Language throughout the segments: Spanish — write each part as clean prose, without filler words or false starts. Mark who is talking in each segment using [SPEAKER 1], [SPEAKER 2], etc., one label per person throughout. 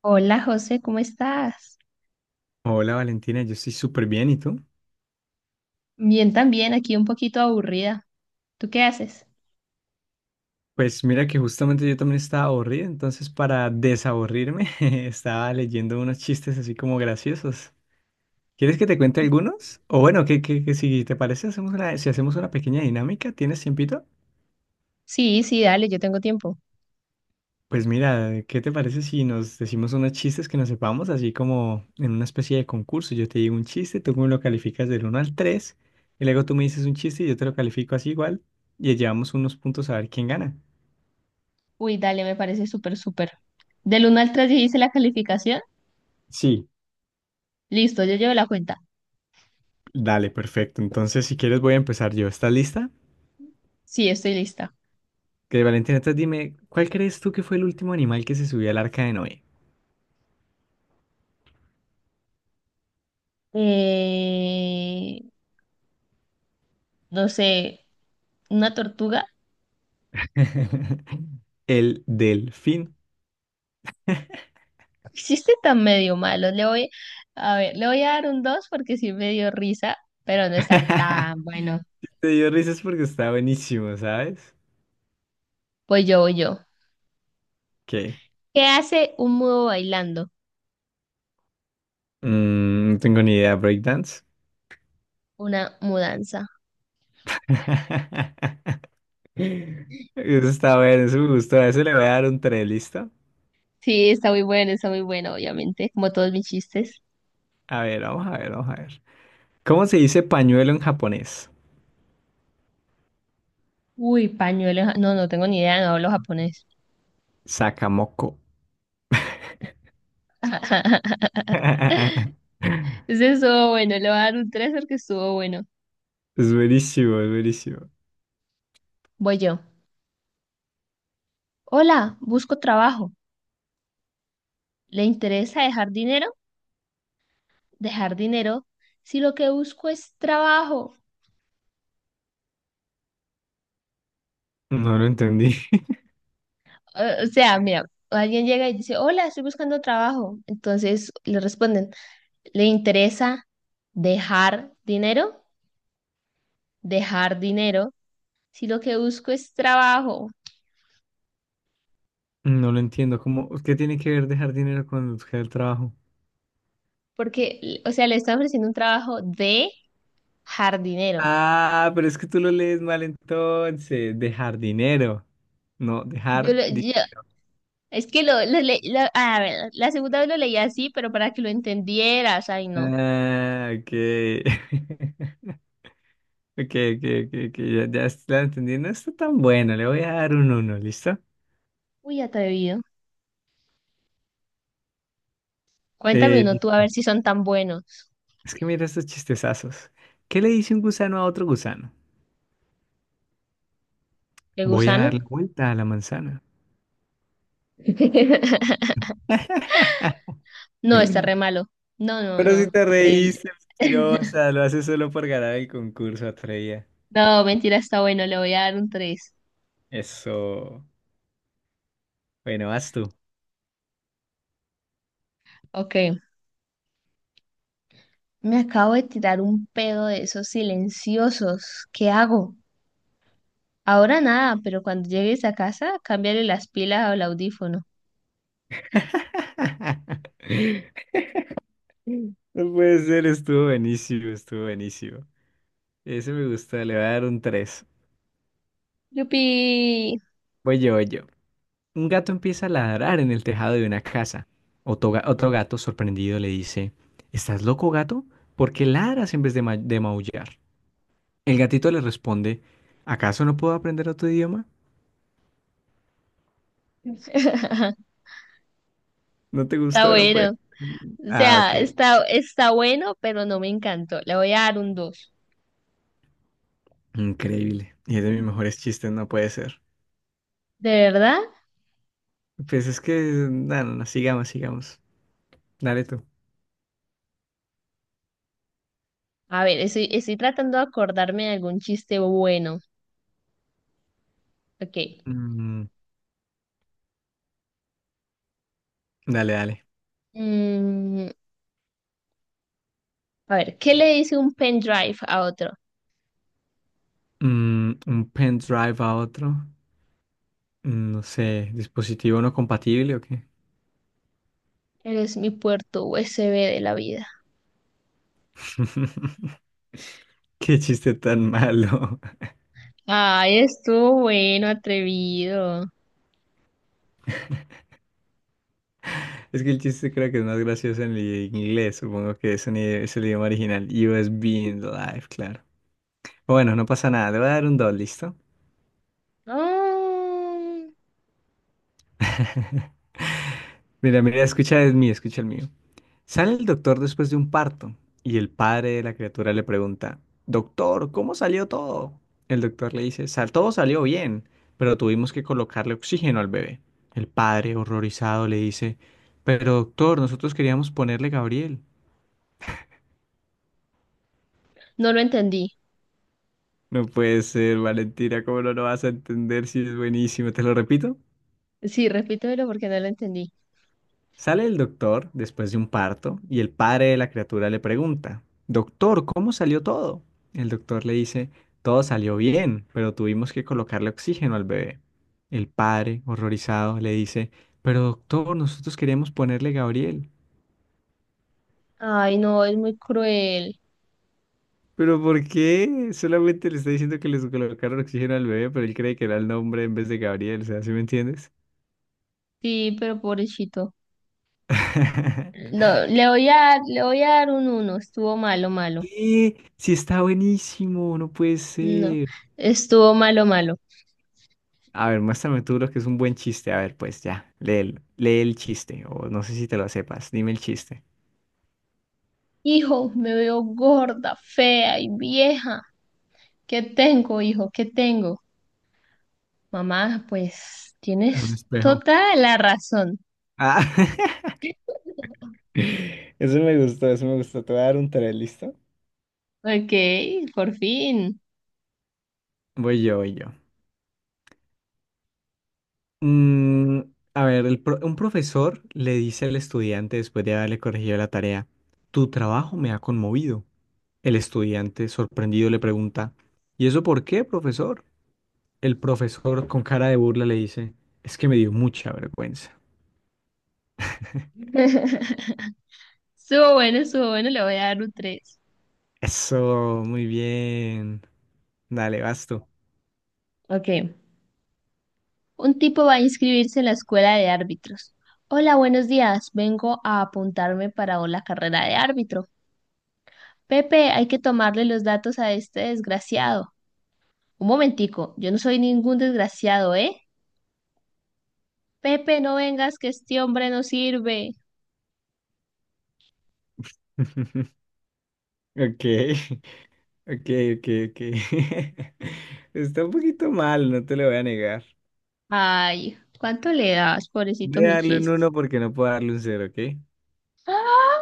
[SPEAKER 1] Hola José, ¿cómo estás?
[SPEAKER 2] Hola Valentina, yo estoy súper bien, ¿y tú?
[SPEAKER 1] Bien también, aquí un poquito aburrida. ¿Tú qué haces?
[SPEAKER 2] Pues mira que justamente yo también estaba aburrido, entonces para desaburrirme estaba leyendo unos chistes así como graciosos. ¿Quieres que te cuente algunos? O bueno, que si te parece, si hacemos una pequeña dinámica, ¿tienes tiempito?
[SPEAKER 1] Sí, sí, dale, yo tengo tiempo.
[SPEAKER 2] Pues mira, ¿qué te parece si nos decimos unos chistes que nos sepamos, así como en una especie de concurso? Yo te digo un chiste, tú me lo calificas del uno al 3 y luego tú me dices un chiste y yo te lo califico así igual, y llevamos unos puntos a ver quién gana.
[SPEAKER 1] Uy, dale, me parece súper, súper. Del uno al 3 hice la calificación.
[SPEAKER 2] Sí.
[SPEAKER 1] Listo, yo llevo la cuenta.
[SPEAKER 2] Dale, perfecto. Entonces, si quieres, voy a empezar yo. ¿Estás lista?
[SPEAKER 1] Sí, estoy lista.
[SPEAKER 2] Que Valentina, entonces dime, ¿cuál crees tú que fue el último animal que se subió al arca de Noé?
[SPEAKER 1] Eh, no sé, una tortuga.
[SPEAKER 2] El delfín.
[SPEAKER 1] Hiciste tan medio malo. A ver, le voy a dar un 2 porque sí me dio risa, pero no está tan bueno.
[SPEAKER 2] Te dio risas porque está buenísimo, ¿sabes?
[SPEAKER 1] Pues voy yo.
[SPEAKER 2] ¿Qué?
[SPEAKER 1] ¿Qué hace un mudo bailando?
[SPEAKER 2] No tengo ni idea. ¿Breakdance?
[SPEAKER 1] Una mudanza.
[SPEAKER 2] Eso está bueno, eso me gustó. A eso le voy a dar un 3, ¿listo?
[SPEAKER 1] Sí, está muy bueno, obviamente, como todos mis chistes.
[SPEAKER 2] A ver, vamos a ver, vamos a ver. ¿Cómo se dice pañuelo en japonés?
[SPEAKER 1] Uy, pañuelos. No, no tengo ni idea, no hablo japonés.
[SPEAKER 2] Sakamoko.
[SPEAKER 1] Ese estuvo bueno, le voy a dar un tres porque estuvo bueno.
[SPEAKER 2] Es buenísimo, es buenísimo.
[SPEAKER 1] Voy yo. Hola, busco trabajo. ¿Le interesa dejar dinero? Dejar dinero. Si lo que busco es trabajo.
[SPEAKER 2] No lo entendí.
[SPEAKER 1] O sea, mira, alguien llega y dice, hola, estoy buscando trabajo. Entonces le responden, ¿le interesa dejar dinero? Dejar dinero. Si lo que busco es trabajo.
[SPEAKER 2] No lo entiendo. ¿Cómo, qué tiene que ver dejar dinero con buscar el trabajo?
[SPEAKER 1] Porque, o sea, le está ofreciendo un trabajo de jardinero.
[SPEAKER 2] Ah, pero es que tú lo lees mal entonces. Dejar dinero. No,
[SPEAKER 1] Yo,
[SPEAKER 2] dejar
[SPEAKER 1] lo-
[SPEAKER 2] di-.
[SPEAKER 1] yo- es que lo le- lo- a ver, la segunda vez lo leí así, pero para que lo entendieras, ay no.
[SPEAKER 2] Ah, ok. Ok, ok, ok, ok, ya, ya la entendí. No está tan buena. Le voy a dar un uno, ¿listo?
[SPEAKER 1] Uy, atrevido. Cuéntame uno tú a
[SPEAKER 2] Listo.
[SPEAKER 1] ver si son tan buenos.
[SPEAKER 2] Es que mira estos chistezazos. ¿Qué le dice un gusano a otro gusano?
[SPEAKER 1] ¿El
[SPEAKER 2] Voy a dar
[SPEAKER 1] gusano?
[SPEAKER 2] la vuelta a la manzana.
[SPEAKER 1] No, está re malo. No, no,
[SPEAKER 2] Pero si
[SPEAKER 1] no,
[SPEAKER 2] te
[SPEAKER 1] terrible.
[SPEAKER 2] reíste, mentirosa, lo haces solo por ganar el concurso, Atreya.
[SPEAKER 1] No, mentira, está bueno, le voy a dar un tres.
[SPEAKER 2] Eso. Bueno, vas tú.
[SPEAKER 1] Ok. Me acabo de tirar un pedo de esos silenciosos. ¿Qué hago? Ahora nada, pero cuando llegues a casa, cámbiale las pilas al audífono.
[SPEAKER 2] No puede ser, estuvo buenísimo, estuvo buenísimo. Ese me gusta, le voy a dar un 3.
[SPEAKER 1] ¡Yupi!
[SPEAKER 2] Voy yo, voy yo. Un gato empieza a ladrar en el tejado de una casa. Otro, otro gato, sorprendido, le dice, ¿estás loco, gato? ¿Por qué ladras en vez de maullar? El gatito le responde, ¿acaso no puedo aprender otro idioma? No te
[SPEAKER 1] Está
[SPEAKER 2] gustó, no
[SPEAKER 1] bueno.
[SPEAKER 2] puede ser.
[SPEAKER 1] O
[SPEAKER 2] Ah,
[SPEAKER 1] sea,
[SPEAKER 2] ok.
[SPEAKER 1] está bueno, pero no me encantó. Le voy a dar un dos.
[SPEAKER 2] Increíble. Y es de mis mejores chistes, no puede ser.
[SPEAKER 1] ¿De verdad?
[SPEAKER 2] Pues es que, no, no, no, sigamos, sigamos. Dale tú.
[SPEAKER 1] A ver, estoy tratando de acordarme de algún chiste bueno. Ok.
[SPEAKER 2] Mm, Dale, dale.
[SPEAKER 1] Mm, a ver, ¿qué le dice un pendrive a otro?
[SPEAKER 2] Un pendrive a otro. No sé, dispositivo no compatible o qué.
[SPEAKER 1] Eres mi puerto USB de la vida.
[SPEAKER 2] Qué chiste tan malo.
[SPEAKER 1] Ay, estuvo bueno, atrevido.
[SPEAKER 2] Es que el chiste creo que es más gracioso en el inglés. Supongo que es el idioma original. USB in the life, claro. Bueno, no pasa nada. Le voy a dar un 2, ¿listo?
[SPEAKER 1] Ah,
[SPEAKER 2] Mira, mira, escucha el mío, escucha el mío. Sale el doctor después de un parto y el padre de la criatura le pregunta, doctor, ¿cómo salió todo? El doctor le dice, "Sal, todo salió bien, pero tuvimos que colocarle oxígeno al bebé". El padre, horrorizado, le dice, pero doctor, nosotros queríamos ponerle Gabriel.
[SPEAKER 1] no lo entendí.
[SPEAKER 2] No puede ser, Valentina, ¿cómo no lo vas a entender si es buenísimo? ¿Te lo repito?
[SPEAKER 1] Sí, repítemelo porque no lo entendí.
[SPEAKER 2] Sale el doctor después de un parto y el padre de la criatura le pregunta, doctor, ¿cómo salió todo? El doctor le dice, todo salió bien, pero tuvimos que colocarle oxígeno al bebé. El padre, horrorizado, le dice, pero doctor, nosotros queríamos ponerle Gabriel.
[SPEAKER 1] Ay, no, es muy cruel.
[SPEAKER 2] ¿Pero por qué? Solamente le está diciendo que les colocaron oxígeno al bebé, pero él cree que era el nombre en vez de Gabriel, o sea, ¿sí me entiendes?
[SPEAKER 1] Sí, pero pobrecito. No, le voy a dar un uno. Estuvo malo, malo.
[SPEAKER 2] ¿Qué? Sí, está buenísimo, no puede
[SPEAKER 1] No,
[SPEAKER 2] ser.
[SPEAKER 1] estuvo malo, malo.
[SPEAKER 2] A ver, muéstrame tú lo que es un buen chiste. A ver, pues ya, lee, lee el chiste. O no sé si te lo sepas. Dime el chiste.
[SPEAKER 1] Hijo, me veo gorda, fea y vieja. ¿Qué tengo, hijo? ¿Qué tengo? Mamá, pues
[SPEAKER 2] Un
[SPEAKER 1] tienes
[SPEAKER 2] espejo.
[SPEAKER 1] toda la razón.
[SPEAKER 2] Ah, eso me gustó, eso me gustó. Te voy a dar un tres, ¿listo?
[SPEAKER 1] Ok, por fin.
[SPEAKER 2] Voy yo, voy yo. Mm, a ver, el un profesor le dice al estudiante después de haberle corregido la tarea, tu trabajo me ha conmovido. El estudiante, sorprendido, le pregunta, ¿y eso por qué, profesor? El profesor, con cara de burla, le dice, es que me dio mucha vergüenza.
[SPEAKER 1] Estuvo bueno, le voy a dar un 3.
[SPEAKER 2] Eso, muy bien. Dale, basto.
[SPEAKER 1] Ok. Un tipo va a inscribirse en la escuela de árbitros. Hola, buenos días. Vengo a apuntarme para la carrera de árbitro. Pepe, hay que tomarle los datos a este desgraciado. Un momentico, yo no soy ningún desgraciado, ¿eh? Pepe, no vengas que este hombre no sirve.
[SPEAKER 2] Okay, okay, okay, okay. Está un poquito mal, no te lo voy a negar.
[SPEAKER 1] Ay, ¿cuánto le das, pobrecito
[SPEAKER 2] Voy a
[SPEAKER 1] mi
[SPEAKER 2] darle un
[SPEAKER 1] chiste?
[SPEAKER 2] uno porque no puedo darle un cero, ¿ok?
[SPEAKER 1] ¡Ah!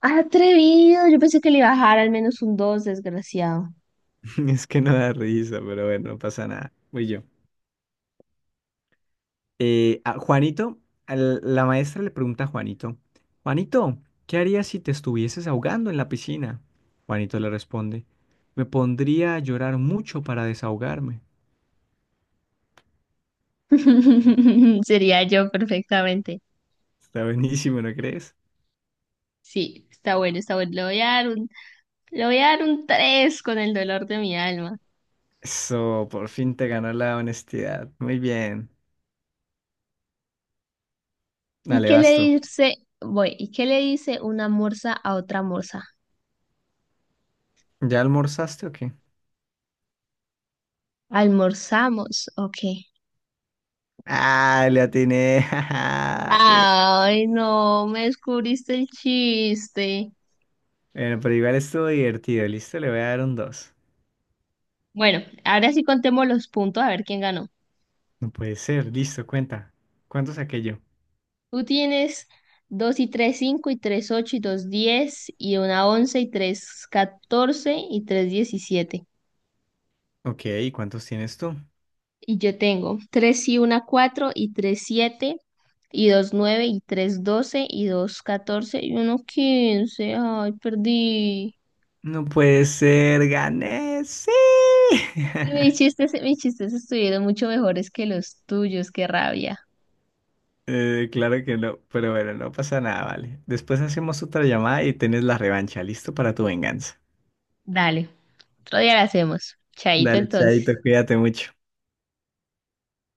[SPEAKER 1] Atrevido, yo pensé que le bajara al menos un dos, desgraciado.
[SPEAKER 2] Es que no da risa, pero bueno, no pasa nada. Voy yo. A Juanito, la maestra le pregunta a Juanito, Juanito, ¿qué harías si te estuvieses ahogando en la piscina? Juanito le responde, me pondría a llorar mucho para desahogarme.
[SPEAKER 1] Sería yo perfectamente.
[SPEAKER 2] Está buenísimo, ¿no crees?
[SPEAKER 1] Sí, está bueno, está bueno. Le voy a dar un 3 con el dolor de mi alma.
[SPEAKER 2] Eso, por fin te ganó la honestidad. Muy bien.
[SPEAKER 1] ¿Y
[SPEAKER 2] Dale,
[SPEAKER 1] qué le
[SPEAKER 2] vas tú.
[SPEAKER 1] dice, ¿Y qué le dice una morsa a otra morsa?
[SPEAKER 2] ¿Ya almorzaste o qué?
[SPEAKER 1] Almorzamos, ok.
[SPEAKER 2] Ah, le atiné. Jaja, te-.
[SPEAKER 1] Ay, no, me descubriste el chiste.
[SPEAKER 2] Bueno, pero igual estuvo divertido. Listo, le voy a dar un dos.
[SPEAKER 1] Bueno, ahora sí contemos los puntos a ver quién ganó.
[SPEAKER 2] No puede ser. Listo, cuenta. ¿Cuántos saqué yo?
[SPEAKER 1] Tú tienes 2 y 3 5 y 3 8 y 2 10 y una 11 y 3 14 y 3 17.
[SPEAKER 2] Ok, ¿y cuántos tienes tú?
[SPEAKER 1] Y yo tengo 3 y una 4 y 3 7 y 2 9 y 3 12 y 2 14 y uno 15. Ay, perdí.
[SPEAKER 2] No puede ser. Gané. Sí.
[SPEAKER 1] Y mis chistes estuvieron mucho mejores que los tuyos, qué rabia.
[SPEAKER 2] Claro que no, pero bueno, no pasa nada, vale. Después hacemos otra llamada y tenés la revancha. Listo para tu venganza.
[SPEAKER 1] Dale, otro día lo hacemos. Chaito
[SPEAKER 2] Dale, chaito,
[SPEAKER 1] entonces.
[SPEAKER 2] cuídate mucho.